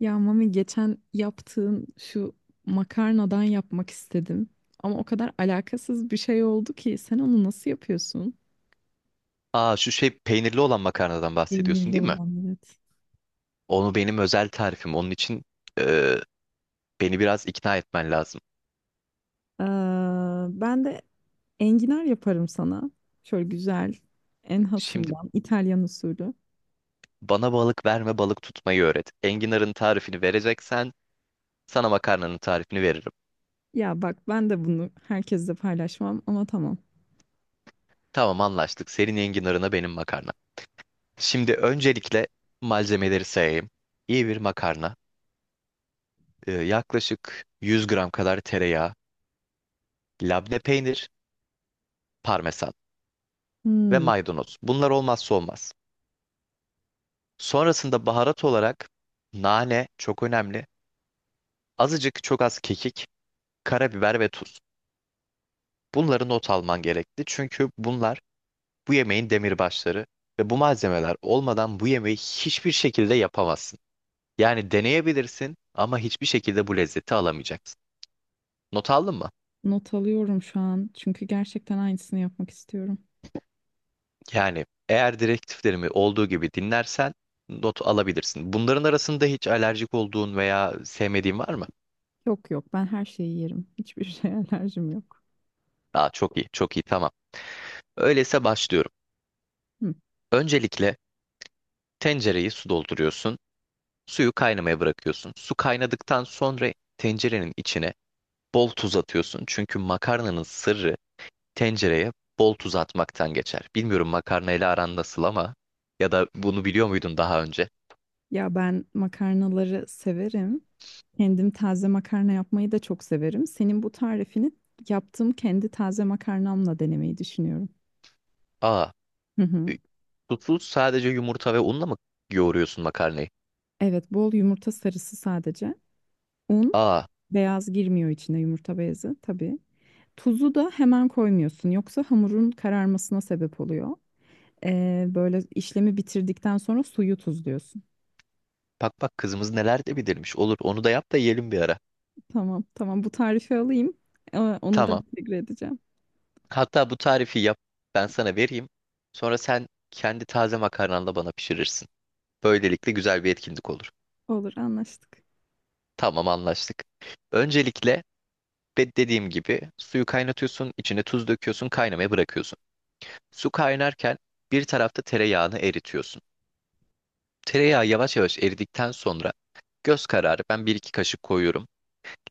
Ya Mami geçen yaptığın şu makarnadan yapmak istedim. Ama o kadar alakasız bir şey oldu ki sen onu nasıl yapıyorsun? Aa şu şey peynirli olan makarnadan bahsediyorsun Peynirli değil mi? olan evet. Onu benim özel tarifim. Onun için e, beni biraz ikna etmen lazım. Ee, Ben de enginar yaparım sana. Şöyle güzel, en Şimdi hasından, İtalyan usulü. bana balık verme balık tutmayı öğret. Enginar'ın tarifini vereceksen sana makarnanın tarifini veririm. Ya bak ben de bunu herkesle paylaşmam ama tamam. Tamam anlaştık. Senin enginarına benim makarna. Şimdi öncelikle malzemeleri sayayım. İyi bir makarna. Yaklaşık 100 gram kadar tereyağı, labne peynir, parmesan ve Hmm, maydanoz. Bunlar olmazsa olmaz. Sonrasında baharat olarak nane çok önemli. Azıcık çok az kekik, karabiber ve tuz. Bunları not alman gerekli. Çünkü bunlar bu yemeğin demirbaşları ve bu malzemeler olmadan bu yemeği hiçbir şekilde yapamazsın. Yani deneyebilirsin ama hiçbir şekilde bu lezzeti alamayacaksın. Not aldın mı? Not alıyorum şu an çünkü gerçekten aynısını yapmak istiyorum. Yani eğer direktiflerimi olduğu gibi dinlersen not alabilirsin. Bunların arasında hiç alerjik olduğun veya sevmediğin var mı? Yok yok ben her şeyi yerim. Hiçbir şeye alerjim yok. Aa, çok iyi, çok iyi, tamam. Öyleyse başlıyorum. Hı. Öncelikle tencereyi su dolduruyorsun. Suyu kaynamaya bırakıyorsun. Su kaynadıktan sonra tencerenin içine bol tuz atıyorsun. Çünkü makarnanın sırrı tencereye bol tuz atmaktan geçer. Bilmiyorum makarnayla aran nasıl ama ya da bunu biliyor muydun daha önce? Ya ben makarnaları severim. Kendim taze makarna yapmayı da çok severim. Senin bu tarifini yaptığım kendi taze makarnamla denemeyi düşünüyorum. Aa, Hı hı. E, susuz sadece yumurta ve unla mı yoğuruyorsun makarnayı? Evet, bol yumurta sarısı sadece. Un, Aa, beyaz girmiyor içine yumurta beyazı tabii. Tuzu da hemen koymuyorsun. Yoksa hamurun kararmasına sebep oluyor. Böyle işlemi bitirdikten sonra suyu tuzluyorsun. bak bak kızımız neler de bilirmiş. Olur onu da yap da yiyelim bir ara. Tamam, tamam bu tarifi alayım. Onu da Tamam. entegre edeceğim. Hatta bu tarifi yap ben sana vereyim. Sonra sen kendi taze makarnanla bana pişirirsin. Böylelikle güzel bir etkinlik olur. Olur, anlaştık. Tamam anlaştık. Öncelikle dediğim gibi suyu kaynatıyorsun, içine tuz döküyorsun, kaynamaya bırakıyorsun. Su kaynarken bir tarafta tereyağını eritiyorsun. Tereyağı yavaş yavaş eridikten sonra göz kararı ben bir iki kaşık koyuyorum.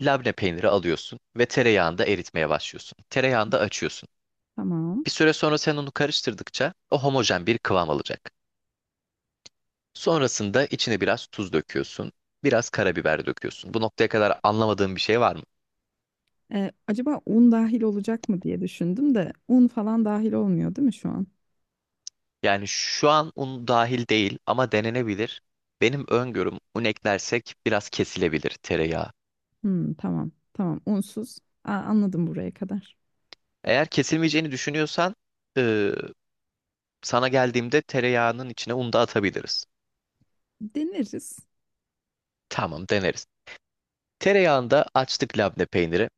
Labne peyniri alıyorsun ve tereyağında eritmeye başlıyorsun. Tereyağında açıyorsun. Tamam. Bir süre sonra sen onu karıştırdıkça o homojen bir kıvam alacak. Sonrasında içine biraz tuz döküyorsun, biraz karabiber döküyorsun. Bu noktaya kadar anlamadığın bir şey var mı? Acaba un dahil olacak mı diye düşündüm de un falan dahil olmuyor değil mi şu an? Yani şu an un dahil değil ama denenebilir. Benim öngörüm un eklersek biraz kesilebilir tereyağı. Hmm, tamam. Tamam. Unsuz. Aa, anladım buraya kadar. Eğer kesilmeyeceğini düşünüyorsan eee, sana geldiğimde tereyağının içine un da atabiliriz. Deneriz. Tamam deneriz. Tereyağında açtık labne peyniri.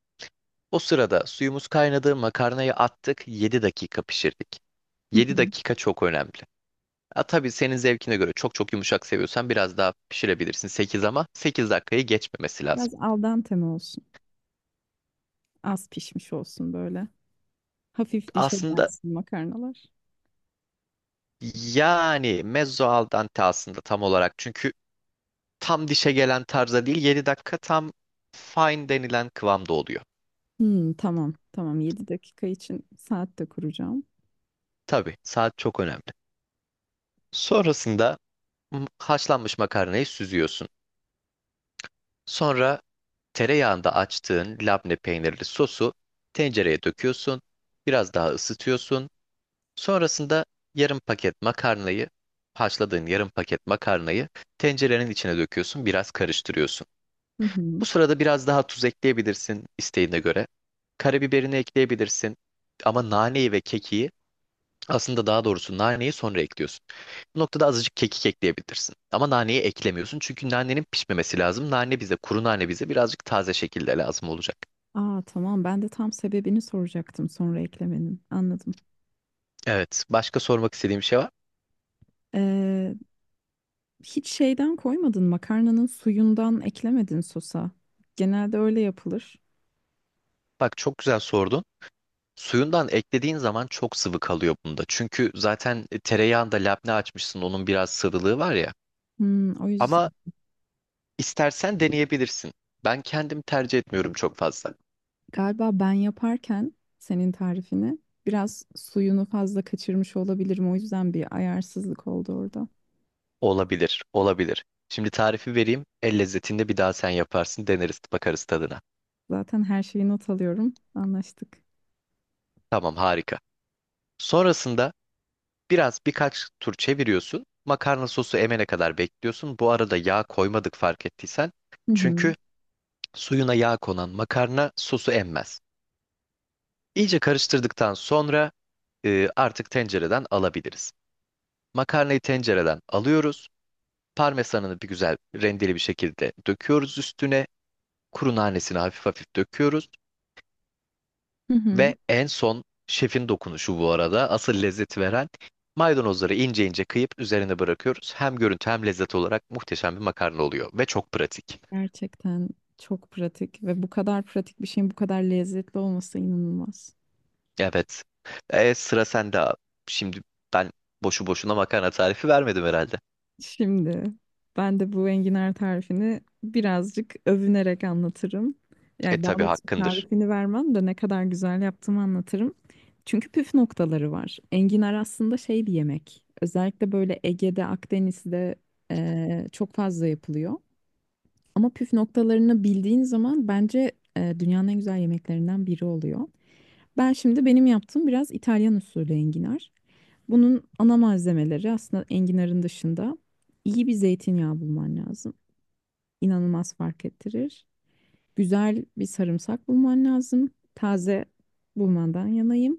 O sırada suyumuz kaynadı, makarnayı attık, 7 dakika pişirdik. Hı Yedi hı. dakika çok önemli. Ha, tabii senin zevkine göre çok çok yumuşak seviyorsan biraz daha pişirebilirsin 8 ama 8 dakikayı geçmemesi lazım. Biraz al dente mi olsun? Az pişmiş olsun böyle. Hafif dişe Aslında gelsin makarnalar. yani mezzo al dente aslında tam olarak çünkü tam dişe gelen tarza değil 7 dakika tam fine denilen kıvamda oluyor. Hmm, tamam tamam 7 dakika için saat de kuracağım. Tabii saat çok önemli. Sonrasında haşlanmış makarnayı süzüyorsun. Sonra tereyağında açtığın labne peynirli sosu tencereye döküyorsun. Biraz daha ısıtıyorsun. Sonrasında yarım paket makarnayı, haşladığın yarım paket makarnayı tencerenin içine döküyorsun. Biraz karıştırıyorsun. Hı Bu hı. sırada biraz daha tuz ekleyebilirsin isteğine göre. Karabiberini ekleyebilirsin. Ama naneyi ve kekiği aslında daha doğrusu naneyi sonra ekliyorsun. Bu noktada azıcık kekik ekleyebilirsin. Ama naneyi eklemiyorsun çünkü nanenin pişmemesi lazım. Nane bize, kuru nane bize birazcık taze şekilde lazım olacak. Aa, tamam ben de tam sebebini soracaktım sonra eklemenin anladım. Evet. Başka sormak istediğim bir şey var. Ee, Hiç şeyden koymadın makarnanın suyundan eklemedin sosa. Genelde öyle yapılır. Bak çok güzel sordun. Suyundan eklediğin zaman çok sıvı kalıyor bunda. Çünkü zaten tereyağında labne açmışsın. Onun biraz sıvılığı var ya. O yüzden Ama istersen deneyebilirsin. Ben kendim tercih etmiyorum çok fazla. galiba ben yaparken senin tarifini biraz suyunu fazla kaçırmış olabilirim. O yüzden bir ayarsızlık oldu orada. Olabilir, olabilir. Şimdi tarifi vereyim. El lezzetinde bir daha sen yaparsın. Deneriz, bakarız tadına. Zaten her şeyi not alıyorum. Anlaştık. Tamam, harika. Sonrasında biraz birkaç tur çeviriyorsun. Makarna sosu emene kadar bekliyorsun. Bu arada yağ koymadık fark ettiysen. Hı hı. Çünkü suyuna yağ konan makarna sosu emmez. İyice karıştırdıktan sonra artık tencereden alabiliriz. Makarnayı tencereden alıyoruz. Parmesanını bir güzel rendeli bir şekilde döküyoruz üstüne. Kuru nanesini hafif hafif döküyoruz. Hı hı. Ve en son şefin dokunuşu bu arada asıl lezzet veren maydanozları ince ince kıyıp üzerine bırakıyoruz. Hem görüntü hem lezzet olarak muhteşem bir makarna oluyor ve çok pratik. Gerçekten çok pratik ve bu kadar pratik bir şeyin bu kadar lezzetli olması inanılmaz. Evet. E, sıra sende abi. Şimdi ben boşu boşuna makarna tarifi vermedim herhalde. Şimdi ben de bu enginar tarifini birazcık övünerek anlatırım. E Yani daha tabii doğrusu hakkındır. tarifini vermem de ne kadar güzel yaptığımı anlatırım. Çünkü püf noktaları var. Enginar aslında şey bir yemek. Özellikle böyle Ege'de, Akdeniz'de çok fazla yapılıyor. Ama püf noktalarını bildiğin zaman bence dünyanın en güzel yemeklerinden biri oluyor. Ben şimdi benim yaptığım biraz İtalyan usulü enginar. Bunun ana malzemeleri aslında enginarın dışında iyi bir zeytinyağı bulman lazım. İnanılmaz fark ettirir. Güzel bir sarımsak bulman lazım. Taze bulmandan yanayım.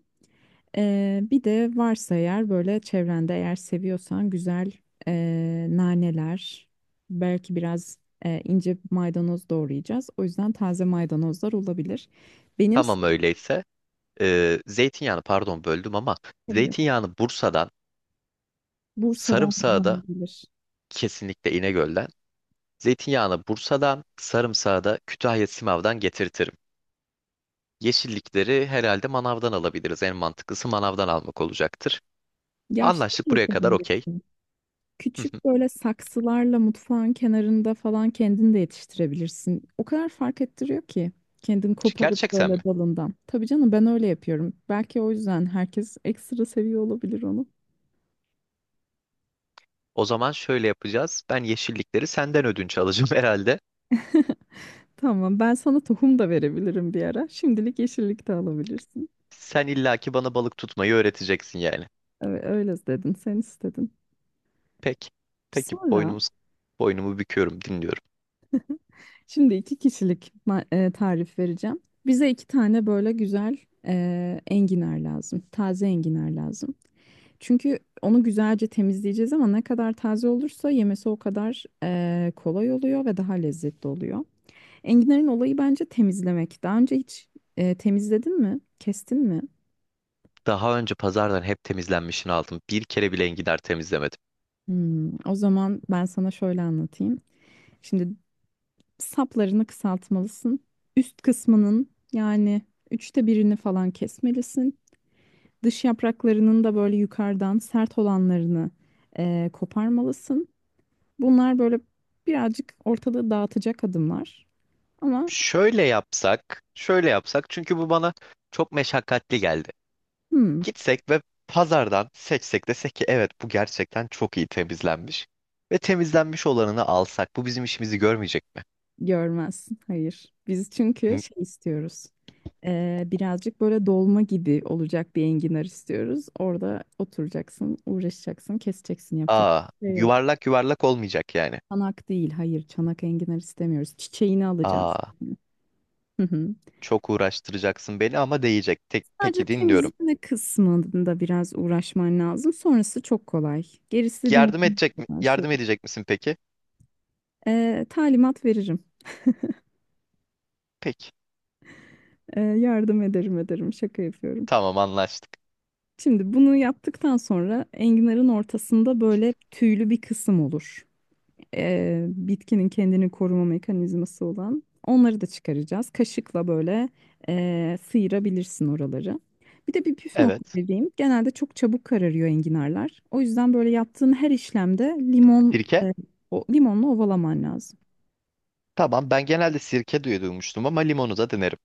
Bir de varsa eğer böyle çevrende eğer seviyorsan güzel naneler, belki biraz ince maydanoz doğrayacağız. O yüzden taze maydanozlar olabilir. Benim Tamam size- öyleyse. E, zeytinyağını pardon böldüm ama zeytinyağını Bursa'dan, Bursa'dan sarımsağı güzel da gelir. kesinlikle İnegöl'den. Zeytinyağını Bursa'dan, sarımsağı da Kütahya Simav'dan getirtirim. Yeşillikleri herhalde manavdan alabiliriz. En mantıklısı manavdan almak olacaktır. Ya şey de Anlaştık buraya kadar okey. yapabilirsin. Küçük böyle saksılarla mutfağın kenarında falan kendin de yetiştirebilirsin. O kadar fark ettiriyor ki. Kendin koparıp Gerçekten mi? böyle dalından. Tabii canım ben öyle yapıyorum. Belki o yüzden herkes ekstra seviyor olabilir onu. O zaman şöyle yapacağız. Ben yeşillikleri senden ödünç alacağım herhalde. Tamam ben sana tohum da verebilirim bir ara. Şimdilik yeşillik de alabilirsin. Sen illaki bana balık tutmayı öğreteceksin yani. Evet, öyle dedin sen istedin. Peki. Peki Sonra boynumu büküyorum, dinliyorum. şimdi iki kişilik tarif vereceğim. Bize iki tane böyle güzel enginar lazım. Taze enginar lazım. Çünkü onu güzelce temizleyeceğiz ama ne kadar taze olursa yemesi o kadar kolay oluyor ve daha lezzetli oluyor. Enginar'ın olayı bence temizlemek. Daha önce hiç temizledin mi? Kestin mi? Daha önce pazardan hep temizlenmişini aldım. Bir kere bile enginar temizlemedim. O zaman ben sana şöyle anlatayım. Şimdi saplarını kısaltmalısın. Üst kısmının yani üçte birini falan kesmelisin. Dış yapraklarının da böyle yukarıdan sert olanlarını koparmalısın. Bunlar böyle birazcık ortalığı dağıtacak adımlar. Ama Şöyle yapsak çünkü bu bana çok meşakkatli geldi. hmm, Gitsek ve pazardan seçsek desek ki evet bu gerçekten çok iyi temizlenmiş. Ve temizlenmiş olanını alsak bu bizim işimizi görmeyecek mi? görmezsin. Hayır. Biz çünkü Hı. şey istiyoruz. Birazcık böyle dolma gibi olacak bir enginar istiyoruz. Orada oturacaksın, uğraşacaksın, keseceksin, yapacak Aa, bir şey yok. yuvarlak yuvarlak olmayacak yani. Çanak değil, hayır, çanak enginar istemiyoruz. Çiçeğini alacağız. Aa, Hı hı. çok uğraştıracaksın beni ama değecek. Tek, Sadece peki dinliyorum. temizleme kısmında biraz uğraşman lazım. Sonrası çok kolay. Gerisi Yardım dünyanın edecek en mi? kolay şey. Yardım edecek misin peki? Talimat veririm. Peki. Yardım ederim ederim. Şaka yapıyorum. Tamam anlaştık. Şimdi bunu yaptıktan sonra enginarın ortasında böyle tüylü bir kısım olur. Bitkinin kendini koruma mekanizması olan. Onları da çıkaracağız. Kaşıkla böyle sıyırabilirsin oraları. Bir de bir püf nokta Evet. vereyim. Genelde çok çabuk kararıyor enginarlar. O yüzden böyle yaptığın her işlemde limon, Sirke? O, limonla ovalaman lazım. Tamam ben genelde sirke diye duymuştum ama limonu da denerim.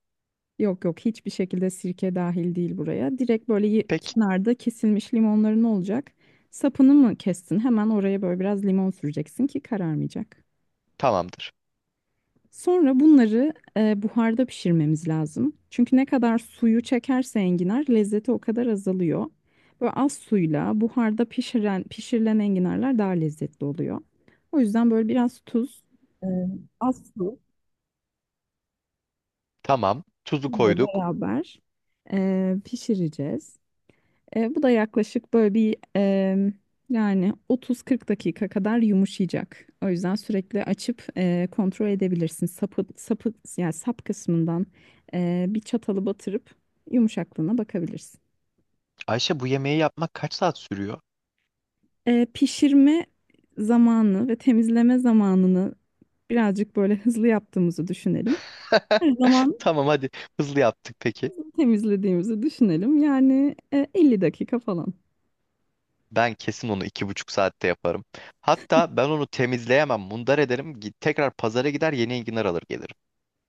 Yok yok hiçbir şekilde sirke dahil değil buraya. Direkt böyle Peki. kenarda kesilmiş limonların olacak. Sapını mı kestin? Hemen oraya böyle biraz limon süreceksin ki kararmayacak. Tamamdır. Sonra bunları buharda pişirmemiz lazım. Çünkü ne kadar suyu çekerse enginar lezzeti o kadar azalıyor. Böyle az suyla buharda pişiren, pişirilen enginarlar daha lezzetli oluyor. O yüzden böyle biraz tuz, e, az su Tamam. Tuzu ile koyduk. beraber pişireceğiz. Bu da yaklaşık böyle bir yani 30-40 dakika kadar yumuşayacak. O yüzden sürekli açıp kontrol edebilirsin. Sapı, sapı yani sap kısmından bir çatalı batırıp yumuşaklığına bakabilirsin. Ayşe bu yemeği yapmak kaç saat sürüyor? Pişirme zamanı ve temizleme zamanını birazcık böyle hızlı yaptığımızı düşünelim. Her zaman Tamam hadi hızlı yaptık peki. temizlediğimizi düşünelim. Yani 50 dakika falan. Ben kesin onu 2,5 saatte yaparım. Hatta ben onu temizleyemem, mundar ederim. Git, tekrar pazara gider yeni enginar alır gelirim.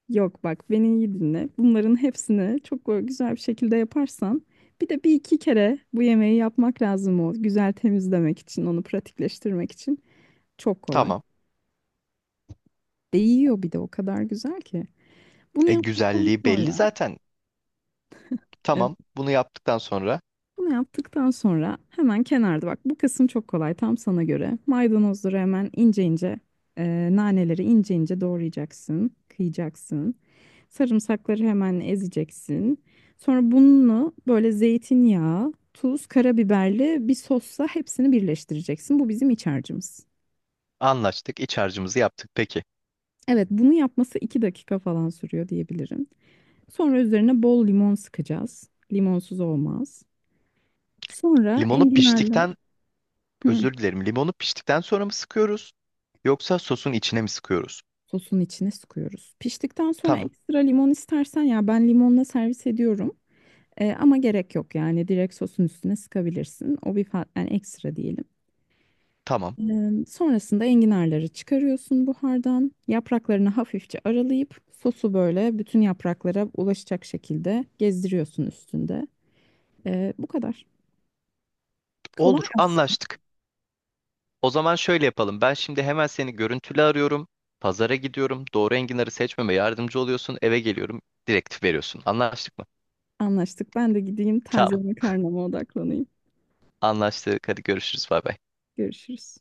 Yok bak beni iyi dinle. Bunların hepsini çok böyle güzel bir şekilde yaparsan bir de bir iki kere bu yemeği yapmak lazım o güzel temizlemek için, onu pratikleştirmek için. Çok kolay. Tamam. Değiyor bir de o kadar güzel ki. Bunu E yaptıktan güzelliği belli sonra zaten. Tamam, bunu yaptıktan sonra Bunu yaptıktan sonra hemen kenarda bak bu kısım çok kolay tam sana göre. Maydanozları hemen ince ince naneleri ince ince doğrayacaksın, kıyacaksın. Sarımsakları hemen ezeceksin. Sonra bunu böyle zeytinyağı, tuz, karabiberli bir sosla hepsini birleştireceksin. Bu bizim iç harcımız. anlaştık, iç harcımızı yaptık. Peki, Evet bunu yapması 2 dakika falan sürüyor diyebilirim. Sonra üzerine bol limon sıkacağız. Limonsuz olmaz. Sonra limonu enginarla... piştikten, Hı. özür dilerim, limonu piştikten sonra mı sıkıyoruz? Yoksa sosun içine mi sıkıyoruz? Sosun içine sıkıyoruz. Piştikten sonra Tamam, ekstra limon istersen ya ben limonla servis ediyorum. Ama gerek yok yani direkt sosun üstüne sıkabilirsin. O bir yani ekstra diyelim. tamam. Sonrasında enginarları çıkarıyorsun buhardan. Yapraklarını hafifçe aralayıp sosu böyle bütün yapraklara ulaşacak şekilde gezdiriyorsun üstünde. Bu kadar. Kolay Olur, aslında. anlaştık. O zaman şöyle yapalım. Ben şimdi hemen seni görüntülü arıyorum. Pazara gidiyorum. Doğru enginarı seçmeme yardımcı oluyorsun. Eve geliyorum. Direktif veriyorsun. Anlaştık mı? Anlaştık. Ben de gideyim taze Tamam, makarnama odaklanayım. anlaştık. Hadi görüşürüz. Bay bay. Görüşürüz.